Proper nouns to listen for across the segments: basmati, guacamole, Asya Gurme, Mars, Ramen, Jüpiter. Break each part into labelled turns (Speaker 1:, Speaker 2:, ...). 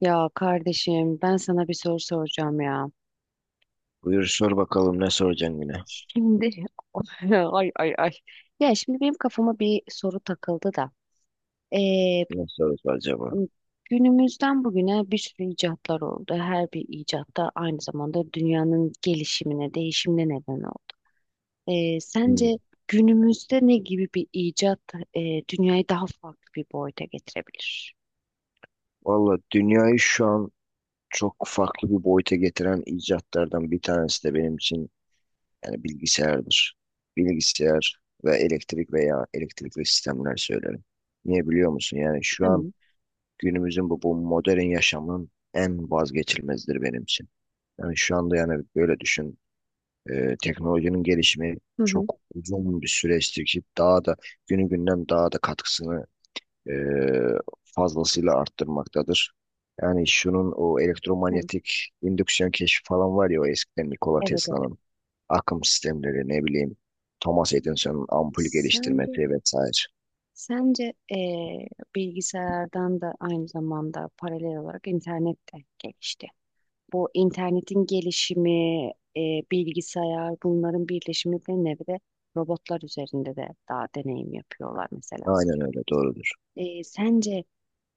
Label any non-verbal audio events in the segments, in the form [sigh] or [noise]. Speaker 1: Ya kardeşim ben sana bir soru soracağım ya.
Speaker 2: Buyur sor bakalım ne soracaksın yine?
Speaker 1: Şimdi [laughs] ay ay ay. Ya şimdi benim kafama bir soru takıldı da. Ee,
Speaker 2: Ne sorusu acaba?
Speaker 1: günümüzden bugüne bir sürü icatlar oldu. Her bir icat da aynı zamanda dünyanın gelişimine, değişimine neden oldu. Sence
Speaker 2: Hmm.
Speaker 1: günümüzde ne gibi bir icat e, dünyayı daha farklı bir boyuta getirebilir?
Speaker 2: Valla dünyayı şu an çok farklı bir boyuta getiren icatlardan bir tanesi de benim için yani bilgisayardır. Bilgisayar ve elektrik veya elektrikli sistemler söylerim. Niye biliyor musun? Yani şu
Speaker 1: Değil
Speaker 2: an
Speaker 1: mi?
Speaker 2: günümüzün bu modern yaşamın en vazgeçilmezidir benim için. Yani şu anda yani böyle düşün. Teknolojinin gelişimi
Speaker 1: Hı hı.
Speaker 2: çok uzun bir süreçtir ki daha da günü günden daha da katkısını e, fazlasıyla arttırmaktadır. Yani şunun o
Speaker 1: Hı.
Speaker 2: elektromanyetik indüksiyon keşfi falan var ya o eskiden Nikola
Speaker 1: Evet, evet.
Speaker 2: Tesla'nın akım sistemleri ne bileyim Thomas Edison'un ampul
Speaker 1: Sence
Speaker 2: geliştirmesi vesaire.
Speaker 1: Sence bilgisayardan da aynı zamanda paralel olarak internet de gelişti. Bu internetin gelişimi, bilgisayar bunların birleşimi ve nevre robotlar üzerinde de daha deneyim yapıyorlar mesela.
Speaker 2: Aynen öyle doğrudur.
Speaker 1: Sence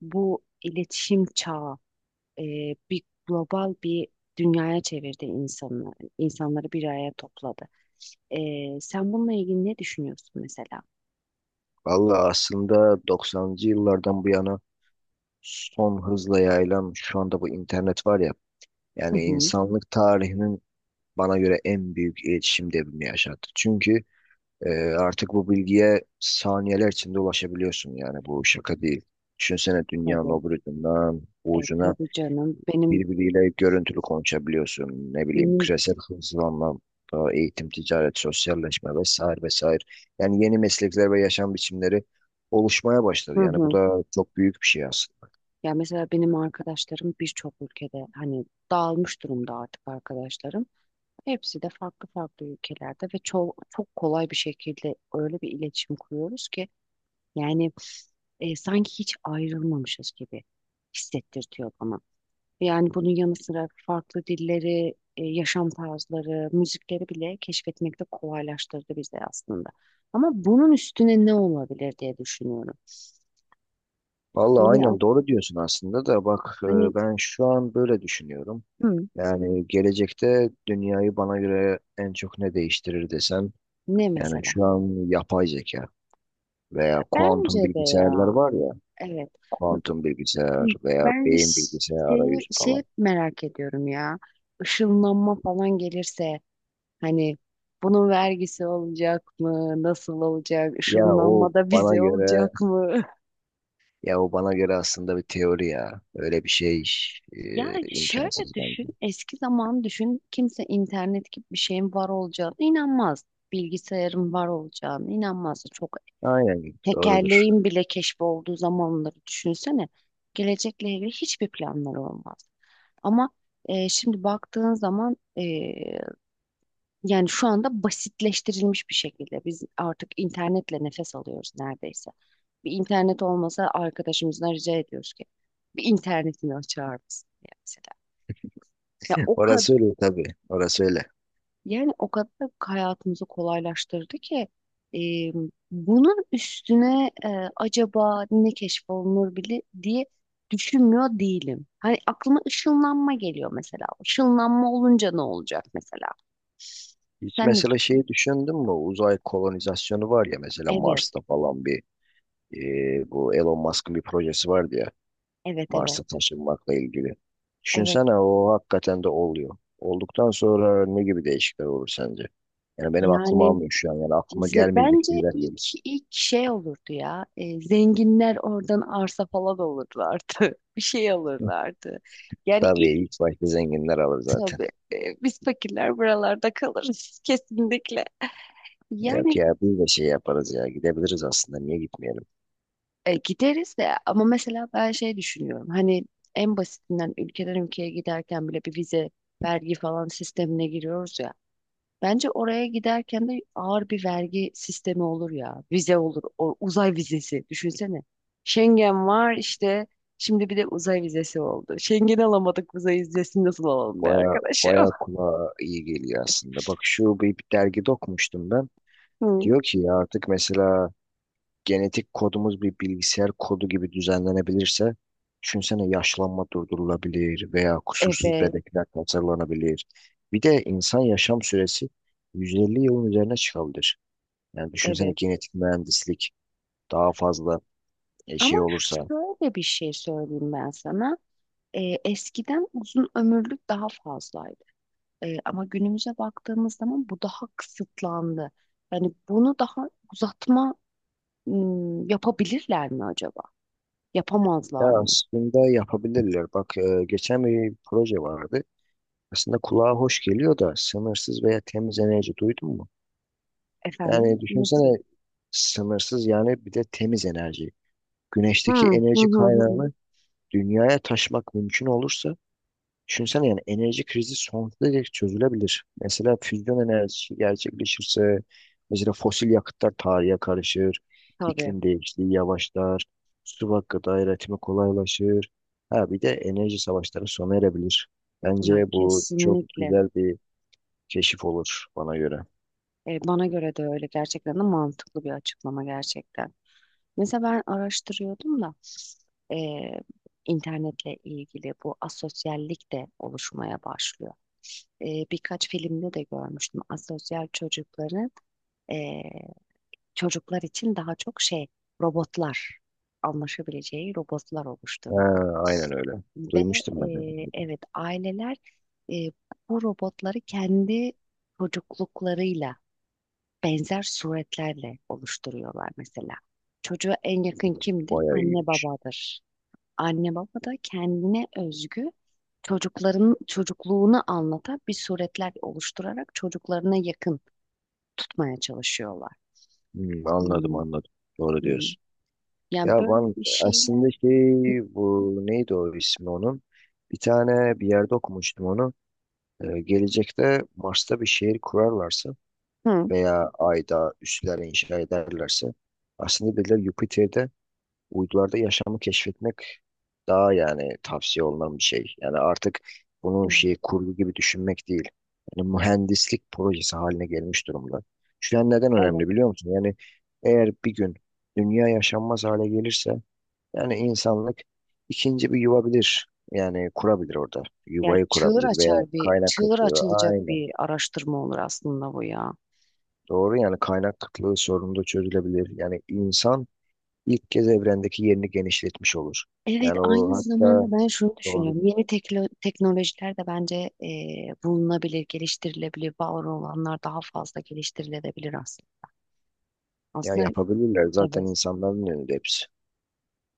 Speaker 1: bu iletişim çağı bir global bir dünyaya çevirdi insanları, insanları bir araya topladı. Sen bununla ilgili ne düşünüyorsun mesela?
Speaker 2: Valla aslında 90'cı yıllardan bu yana son hızla yayılan şu anda bu internet var ya
Speaker 1: Hı
Speaker 2: yani
Speaker 1: hı,
Speaker 2: insanlık tarihinin bana göre en büyük iletişim devrimi yaşattı. Çünkü Ee, artık bu bilgiye saniyeler içinde ulaşabiliyorsun yani bu şaka değil. Düşünsene
Speaker 1: tabii.
Speaker 2: dünyanın öbür ucundan bu
Speaker 1: E,
Speaker 2: ucuna
Speaker 1: tabii canım. Benim
Speaker 2: birbiriyle görüntülü konuşabiliyorsun. Ne bileyim
Speaker 1: Benim
Speaker 2: küresel hızlanma, eğitim, ticaret, sosyalleşme vesaire vesaire. Yani yeni meslekler ve yaşam biçimleri oluşmaya başladı.
Speaker 1: hı
Speaker 2: Yani bu
Speaker 1: hı.
Speaker 2: da çok büyük bir şey aslında.
Speaker 1: Ya mesela benim arkadaşlarım birçok ülkede hani dağılmış durumda artık arkadaşlarım. Hepsi de farklı farklı ülkelerde ve çok çok kolay bir şekilde öyle bir iletişim kuruyoruz ki yani sanki hiç ayrılmamışız gibi hissettirtiyor bana. Yani bunun yanı sıra farklı dilleri, yaşam tarzları, müzikleri bile keşfetmekte kolaylaştırdı bize aslında. Ama bunun üstüne ne olabilir diye düşünüyorum.
Speaker 2: Vallahi
Speaker 1: Yani
Speaker 2: aynen doğru diyorsun aslında da bak
Speaker 1: hani
Speaker 2: ben şu an böyle düşünüyorum.
Speaker 1: hı.
Speaker 2: Yani gelecekte dünyayı bana göre en çok ne değiştirir desem
Speaker 1: Ne
Speaker 2: yani
Speaker 1: mesela?
Speaker 2: şu an yapay zeka veya
Speaker 1: Bence
Speaker 2: kuantum
Speaker 1: de
Speaker 2: bilgisayarlar
Speaker 1: ya.
Speaker 2: var ya,
Speaker 1: Evet.
Speaker 2: kuantum bilgisayar veya
Speaker 1: Ben
Speaker 2: beyin
Speaker 1: ş-
Speaker 2: bilgisayar
Speaker 1: şeyi,
Speaker 2: arayüzü falan.
Speaker 1: şey merak ediyorum ya. Işınlanma falan gelirse hani bunun vergisi olacak mı? Nasıl olacak?
Speaker 2: Ya o
Speaker 1: Işınlanma da
Speaker 2: bana
Speaker 1: bize
Speaker 2: göre,
Speaker 1: olacak mı? [laughs]
Speaker 2: ya o bana göre aslında bir teori ya. Öyle bir şey
Speaker 1: Yani
Speaker 2: imkansız
Speaker 1: şöyle düşün.
Speaker 2: bence.
Speaker 1: Eski zaman düşün. Kimse internet gibi bir şeyin var olacağına inanmaz. Bilgisayarın var olacağına inanmaz. Çok
Speaker 2: Aynen doğrudur.
Speaker 1: Tekerleğin bile keşfi olduğu zamanları düşünsene. Gelecekle ilgili hiçbir planları olmaz. Ama şimdi baktığın zaman yani şu anda basitleştirilmiş bir şekilde biz artık internetle nefes alıyoruz neredeyse. Bir internet olmasa arkadaşımızdan rica ediyoruz ki bir internetini açar mısın diye mesela. Ya
Speaker 2: [laughs]
Speaker 1: o kadar
Speaker 2: Orası öyle tabii, orası öyle.
Speaker 1: yani o kadar hayatımızı kolaylaştırdı ki e, bunun üstüne acaba ne keşfolunur bile diye düşünmüyor değilim. Hani aklıma ışınlanma geliyor mesela. Işınlanma olunca ne olacak mesela?
Speaker 2: Hiç
Speaker 1: Sen ne
Speaker 2: mesela
Speaker 1: düşün-
Speaker 2: şeyi düşündün mü? Uzay kolonizasyonu var ya mesela
Speaker 1: Evet,
Speaker 2: Mars'ta falan bir bu Elon Musk'ın bir projesi vardı ya.
Speaker 1: evet, evet,
Speaker 2: Mars'a taşınmakla ilgili.
Speaker 1: evet.
Speaker 2: Düşünsene o hakikaten de oluyor. Olduktan sonra ne gibi değişiklikler olur sence? Yani benim aklım
Speaker 1: Yani
Speaker 2: almıyor şu an. Yani aklıma gelmeyecek
Speaker 1: bence
Speaker 2: şeyler
Speaker 1: ilk
Speaker 2: geliyor.
Speaker 1: ilk şey olurdu ya. Zenginler oradan arsa falan olurlardı. [laughs] Bir şey
Speaker 2: [laughs]
Speaker 1: alırlardı. Yani
Speaker 2: Tabii ilk başta zenginler alır zaten.
Speaker 1: tabii biz fakirler buralarda kalırız [laughs] kesinlikle.
Speaker 2: Ya,
Speaker 1: Yani
Speaker 2: ya biz de şey yaparız ya gidebiliriz aslında niye gitmeyelim?
Speaker 1: gideriz de ama mesela ben şey düşünüyorum. Hani en basitinden ülkeden ülkeye giderken bile bir vize, vergi falan sistemine giriyoruz ya. Bence oraya giderken de ağır bir vergi sistemi olur ya. Vize olur, o uzay vizesi düşünsene. Schengen var işte. Şimdi bir de uzay vizesi oldu. Schengen alamadık, uzay vizesini nasıl alalım be
Speaker 2: Baya
Speaker 1: arkadaşım?
Speaker 2: baya
Speaker 1: [laughs]
Speaker 2: kulağa iyi geliyor aslında. Bak şu bir dergide okumuştum ben.
Speaker 1: Hı.
Speaker 2: Diyor ki ya artık mesela genetik kodumuz bir bilgisayar kodu gibi düzenlenebilirse, düşünsene yaşlanma durdurulabilir veya kusursuz
Speaker 1: Evet,
Speaker 2: bebekler tasarlanabilir. Bir de insan yaşam süresi 150 yılın üzerine çıkabilir. Yani düşünsene
Speaker 1: evet.
Speaker 2: genetik mühendislik daha fazla
Speaker 1: Ama
Speaker 2: şey olursa.
Speaker 1: şöyle bir şey söyleyeyim ben sana. Eskiden uzun ömürlük daha fazlaydı. Ama günümüze baktığımız zaman bu daha kısıtlandı. Yani bunu daha uzatma yapabilirler mi acaba?
Speaker 2: Ya
Speaker 1: Yapamazlar mı?
Speaker 2: aslında yapabilirler. Bak geçen bir proje vardı. Aslında kulağa hoş geliyor da sınırsız veya temiz enerji duydun mu?
Speaker 1: Efendim
Speaker 2: Yani
Speaker 1: nasıl?
Speaker 2: düşünsene sınırsız yani bir de temiz enerji.
Speaker 1: Hı
Speaker 2: Güneşteki
Speaker 1: hı,
Speaker 2: enerji
Speaker 1: hı hı.
Speaker 2: kaynağını dünyaya taşmak mümkün olursa düşünsene yani enerji krizi sonsuza dek çözülebilir. Mesela füzyon enerjisi gerçekleşirse mesela fosil yakıtlar tarihe karışır,
Speaker 1: Tabii.
Speaker 2: iklim değişikliği yavaşlar, su ve gıda üretimi kolaylaşır. Ha bir de enerji savaşları sona erebilir.
Speaker 1: Ya
Speaker 2: Bence bu çok
Speaker 1: kesinlikle.
Speaker 2: güzel bir keşif olur bana göre.
Speaker 1: Bana göre de öyle gerçekten de mantıklı bir açıklama gerçekten. Mesela ben araştırıyordum da eee, internetle ilgili bu asosyallik de oluşmaya başlıyor. Birkaç filmde de görmüştüm. Asosyal çocukların eee, çocuklar için daha çok şey robotlar anlaşabileceği robotlar
Speaker 2: Ha,
Speaker 1: oluşturuluyor.
Speaker 2: aynen öyle.
Speaker 1: Ve
Speaker 2: Duymuştum ben de.
Speaker 1: evet aileler, eee, bu robotları kendi çocukluklarıyla benzer suretlerle oluşturuyorlar mesela. Çocuğa en yakın kimdir?
Speaker 2: Bayağı
Speaker 1: Anne
Speaker 2: iyiymiş.
Speaker 1: babadır. Anne baba da kendine özgü çocukların çocukluğunu anlatan bir suretler oluşturarak çocuklarına yakın tutmaya çalışıyorlar.
Speaker 2: Hmm, anladım
Speaker 1: Hmm,
Speaker 2: anladım. Doğru
Speaker 1: hmm.
Speaker 2: diyorsun.
Speaker 1: Yani
Speaker 2: Ya
Speaker 1: böyle
Speaker 2: ben
Speaker 1: bir şeyler.
Speaker 2: aslında şey bu neydi o ismi onun? Bir tane bir yerde okumuştum onu. Gelecekte Mars'ta bir şehir kurarlarsa
Speaker 1: Hı,
Speaker 2: veya Ay'da üsler inşa ederlerse aslında dediler Jüpiter'de uydularda yaşamı keşfetmek daha yani tavsiye olunan bir şey. Yani artık bunu
Speaker 1: evet.
Speaker 2: şey kurgu gibi düşünmek değil. Yani mühendislik projesi haline gelmiş durumda. Şu an neden
Speaker 1: Evet.
Speaker 2: önemli biliyor musun? Yani eğer bir gün dünya yaşanmaz hale gelirse yani insanlık ikinci bir yuva bilir. Yani kurabilir orada.
Speaker 1: Yani
Speaker 2: Yuvayı
Speaker 1: çığır
Speaker 2: kurabilir veya
Speaker 1: açar bir,
Speaker 2: kaynak
Speaker 1: çığır
Speaker 2: kıtlığı.
Speaker 1: açılacak
Speaker 2: Aynen.
Speaker 1: bir araştırma olur aslında bu ya.
Speaker 2: Doğru yani kaynak kıtlığı sorunu da çözülebilir. Yani insan ilk kez evrendeki yerini genişletmiş olur.
Speaker 1: Evet,
Speaker 2: Yani o
Speaker 1: aynı
Speaker 2: hatta
Speaker 1: zamanda ben şunu
Speaker 2: doğru.
Speaker 1: düşünüyorum. Teknolojiler de bence bulunabilir, geliştirilebilir. Var olanlar daha fazla geliştirilebilir aslında.
Speaker 2: Ya
Speaker 1: Aslında
Speaker 2: yapabilirler zaten
Speaker 1: evet,
Speaker 2: insanların önünde hepsi.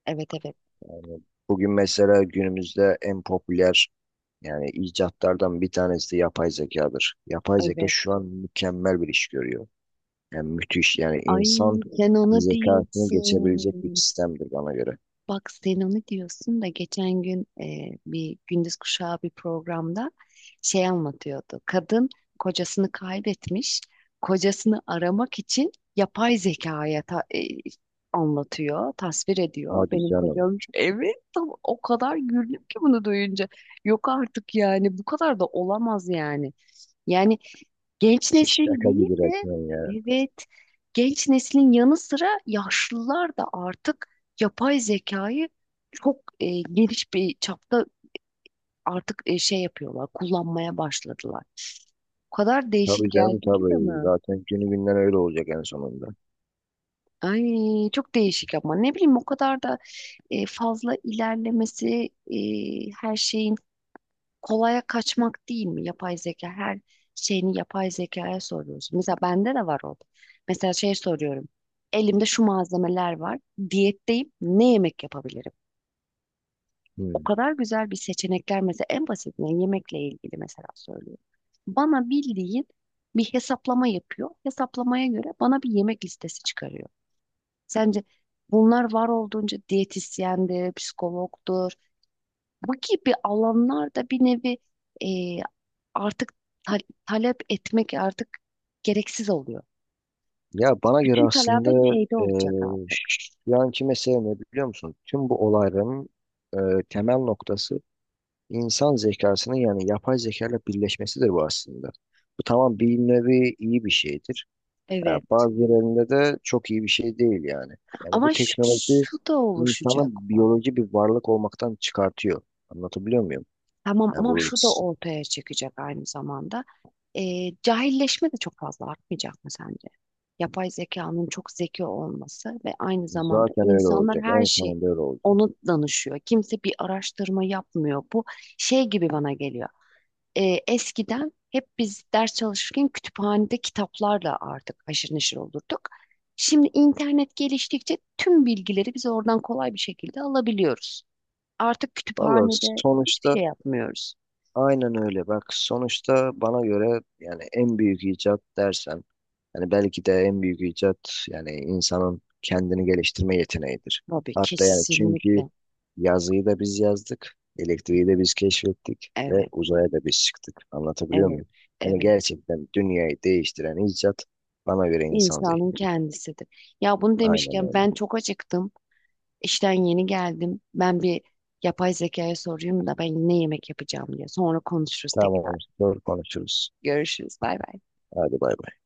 Speaker 1: evet, evet,
Speaker 2: Yani bugün mesela günümüzde en popüler yani icatlardan bir tanesi de yapay zekadır. Yapay zeka
Speaker 1: evet.
Speaker 2: şu an mükemmel bir iş görüyor. Yani müthiş yani
Speaker 1: Ay,
Speaker 2: insan
Speaker 1: sen onu
Speaker 2: zekasını geçebilecek bir
Speaker 1: diyorsun.
Speaker 2: sistemdir bana göre.
Speaker 1: Bak sen onu diyorsun da geçen gün bir Gündüz Kuşağı bir programda şey anlatıyordu. Kadın kocasını kaybetmiş, kocasını aramak için yapay zekaya anlatıyor, tasvir ediyor.
Speaker 2: Hadi
Speaker 1: Benim
Speaker 2: canım.
Speaker 1: kocam şu- evet tam o kadar güldüm ki bunu duyunca. Yok artık yani bu kadar da olamaz yani. Yani genç
Speaker 2: [laughs]
Speaker 1: neslin
Speaker 2: Şaka
Speaker 1: değil
Speaker 2: gibi
Speaker 1: de,
Speaker 2: resmen ya.
Speaker 1: evet, genç neslin yanı sıra yaşlılar da artık yapay zekayı çok geniş bir çapta artık şey yapıyorlar, kullanmaya başladılar. O kadar değişik
Speaker 2: Tabii canım
Speaker 1: geldi ki
Speaker 2: tabii.
Speaker 1: bana.
Speaker 2: Zaten günü günden öyle olacak en sonunda.
Speaker 1: Ay çok değişik ama ne bileyim o kadar da fazla ilerlemesi, her şeyin kolaya kaçmak değil mi? Yapay zeka her şeyini yapay zekaya soruyorsun. Mesela bende de var o. Mesela şey soruyorum. Elimde şu malzemeler var. Diyetteyim. Ne yemek yapabilirim? O
Speaker 2: Hmm.
Speaker 1: kadar güzel bir seçenekler mesela en basitinden yemekle ilgili mesela söylüyor. Bana bildiğin bir hesaplama yapıyor. Hesaplamaya göre bana bir yemek listesi çıkarıyor. Sence bunlar var olduğunca diyetisyendir, psikologdur. Bu gibi alanlarda bir nevi artık ta- talep etmek artık gereksiz oluyor.
Speaker 2: Ya bana göre
Speaker 1: Bütün talabet
Speaker 2: aslında
Speaker 1: şeyde olacak artık.
Speaker 2: şu anki mesele ne biliyor musun? Tüm bu olayların e, temel noktası insan zekasının yani yapay zeka ile birleşmesidir bu aslında. Bu tamam bir nevi iyi bir şeydir. Ya
Speaker 1: Evet.
Speaker 2: bazı yerlerinde de çok iyi bir şey değil yani. Yani bu teknoloji
Speaker 1: Şu da
Speaker 2: insanı
Speaker 1: oluşacak bak.
Speaker 2: biyoloji bir varlık olmaktan çıkartıyor. Anlatabiliyor muyum?
Speaker 1: Tamam
Speaker 2: Ya
Speaker 1: ama
Speaker 2: bu
Speaker 1: şu da
Speaker 2: s-
Speaker 1: ortaya çıkacak aynı zamanda. Cahilleşme de çok fazla artmayacak mı sence? Yapay zekanın çok zeki olması ve aynı zamanda
Speaker 2: Zaten öyle
Speaker 1: insanlar
Speaker 2: olacak.
Speaker 1: her
Speaker 2: En
Speaker 1: şey
Speaker 2: sonunda öyle olacak.
Speaker 1: onu danışıyor. Kimse bir araştırma yapmıyor. Bu şey gibi bana geliyor. Eskiden hep biz ders çalışırken kütüphanede kitaplarla artık haşır neşir olurduk. Şimdi internet geliştikçe tüm bilgileri biz oradan kolay bir şekilde alabiliyoruz. Artık
Speaker 2: Valla
Speaker 1: kütüphanede hiçbir
Speaker 2: sonuçta
Speaker 1: şey yapmıyoruz.
Speaker 2: aynen öyle. Bak sonuçta bana göre yani en büyük icat dersen yani belki de en büyük icat yani insanın kendini geliştirme yeteneğidir.
Speaker 1: Tabii,
Speaker 2: Hatta yani çünkü
Speaker 1: kesinlikle.
Speaker 2: yazıyı da biz yazdık, elektriği de biz keşfettik ve
Speaker 1: Evet,
Speaker 2: uzaya da biz çıktık. Anlatabiliyor
Speaker 1: evet,
Speaker 2: muyum? Yani
Speaker 1: evet.
Speaker 2: gerçekten dünyayı değiştiren icat bana göre insan
Speaker 1: İnsanın
Speaker 2: zihni.
Speaker 1: kendisidir. Ya bunu
Speaker 2: Aynen
Speaker 1: demişken
Speaker 2: öyle.
Speaker 1: ben çok acıktım. İşten yeni geldim. Ben bir yapay zekaya sorayım da ben ne yemek yapacağım diye. Sonra konuşuruz tekrar.
Speaker 2: Tamam, sonra konuşuruz.
Speaker 1: Görüşürüz. Bay bay.
Speaker 2: Hadi bay bay.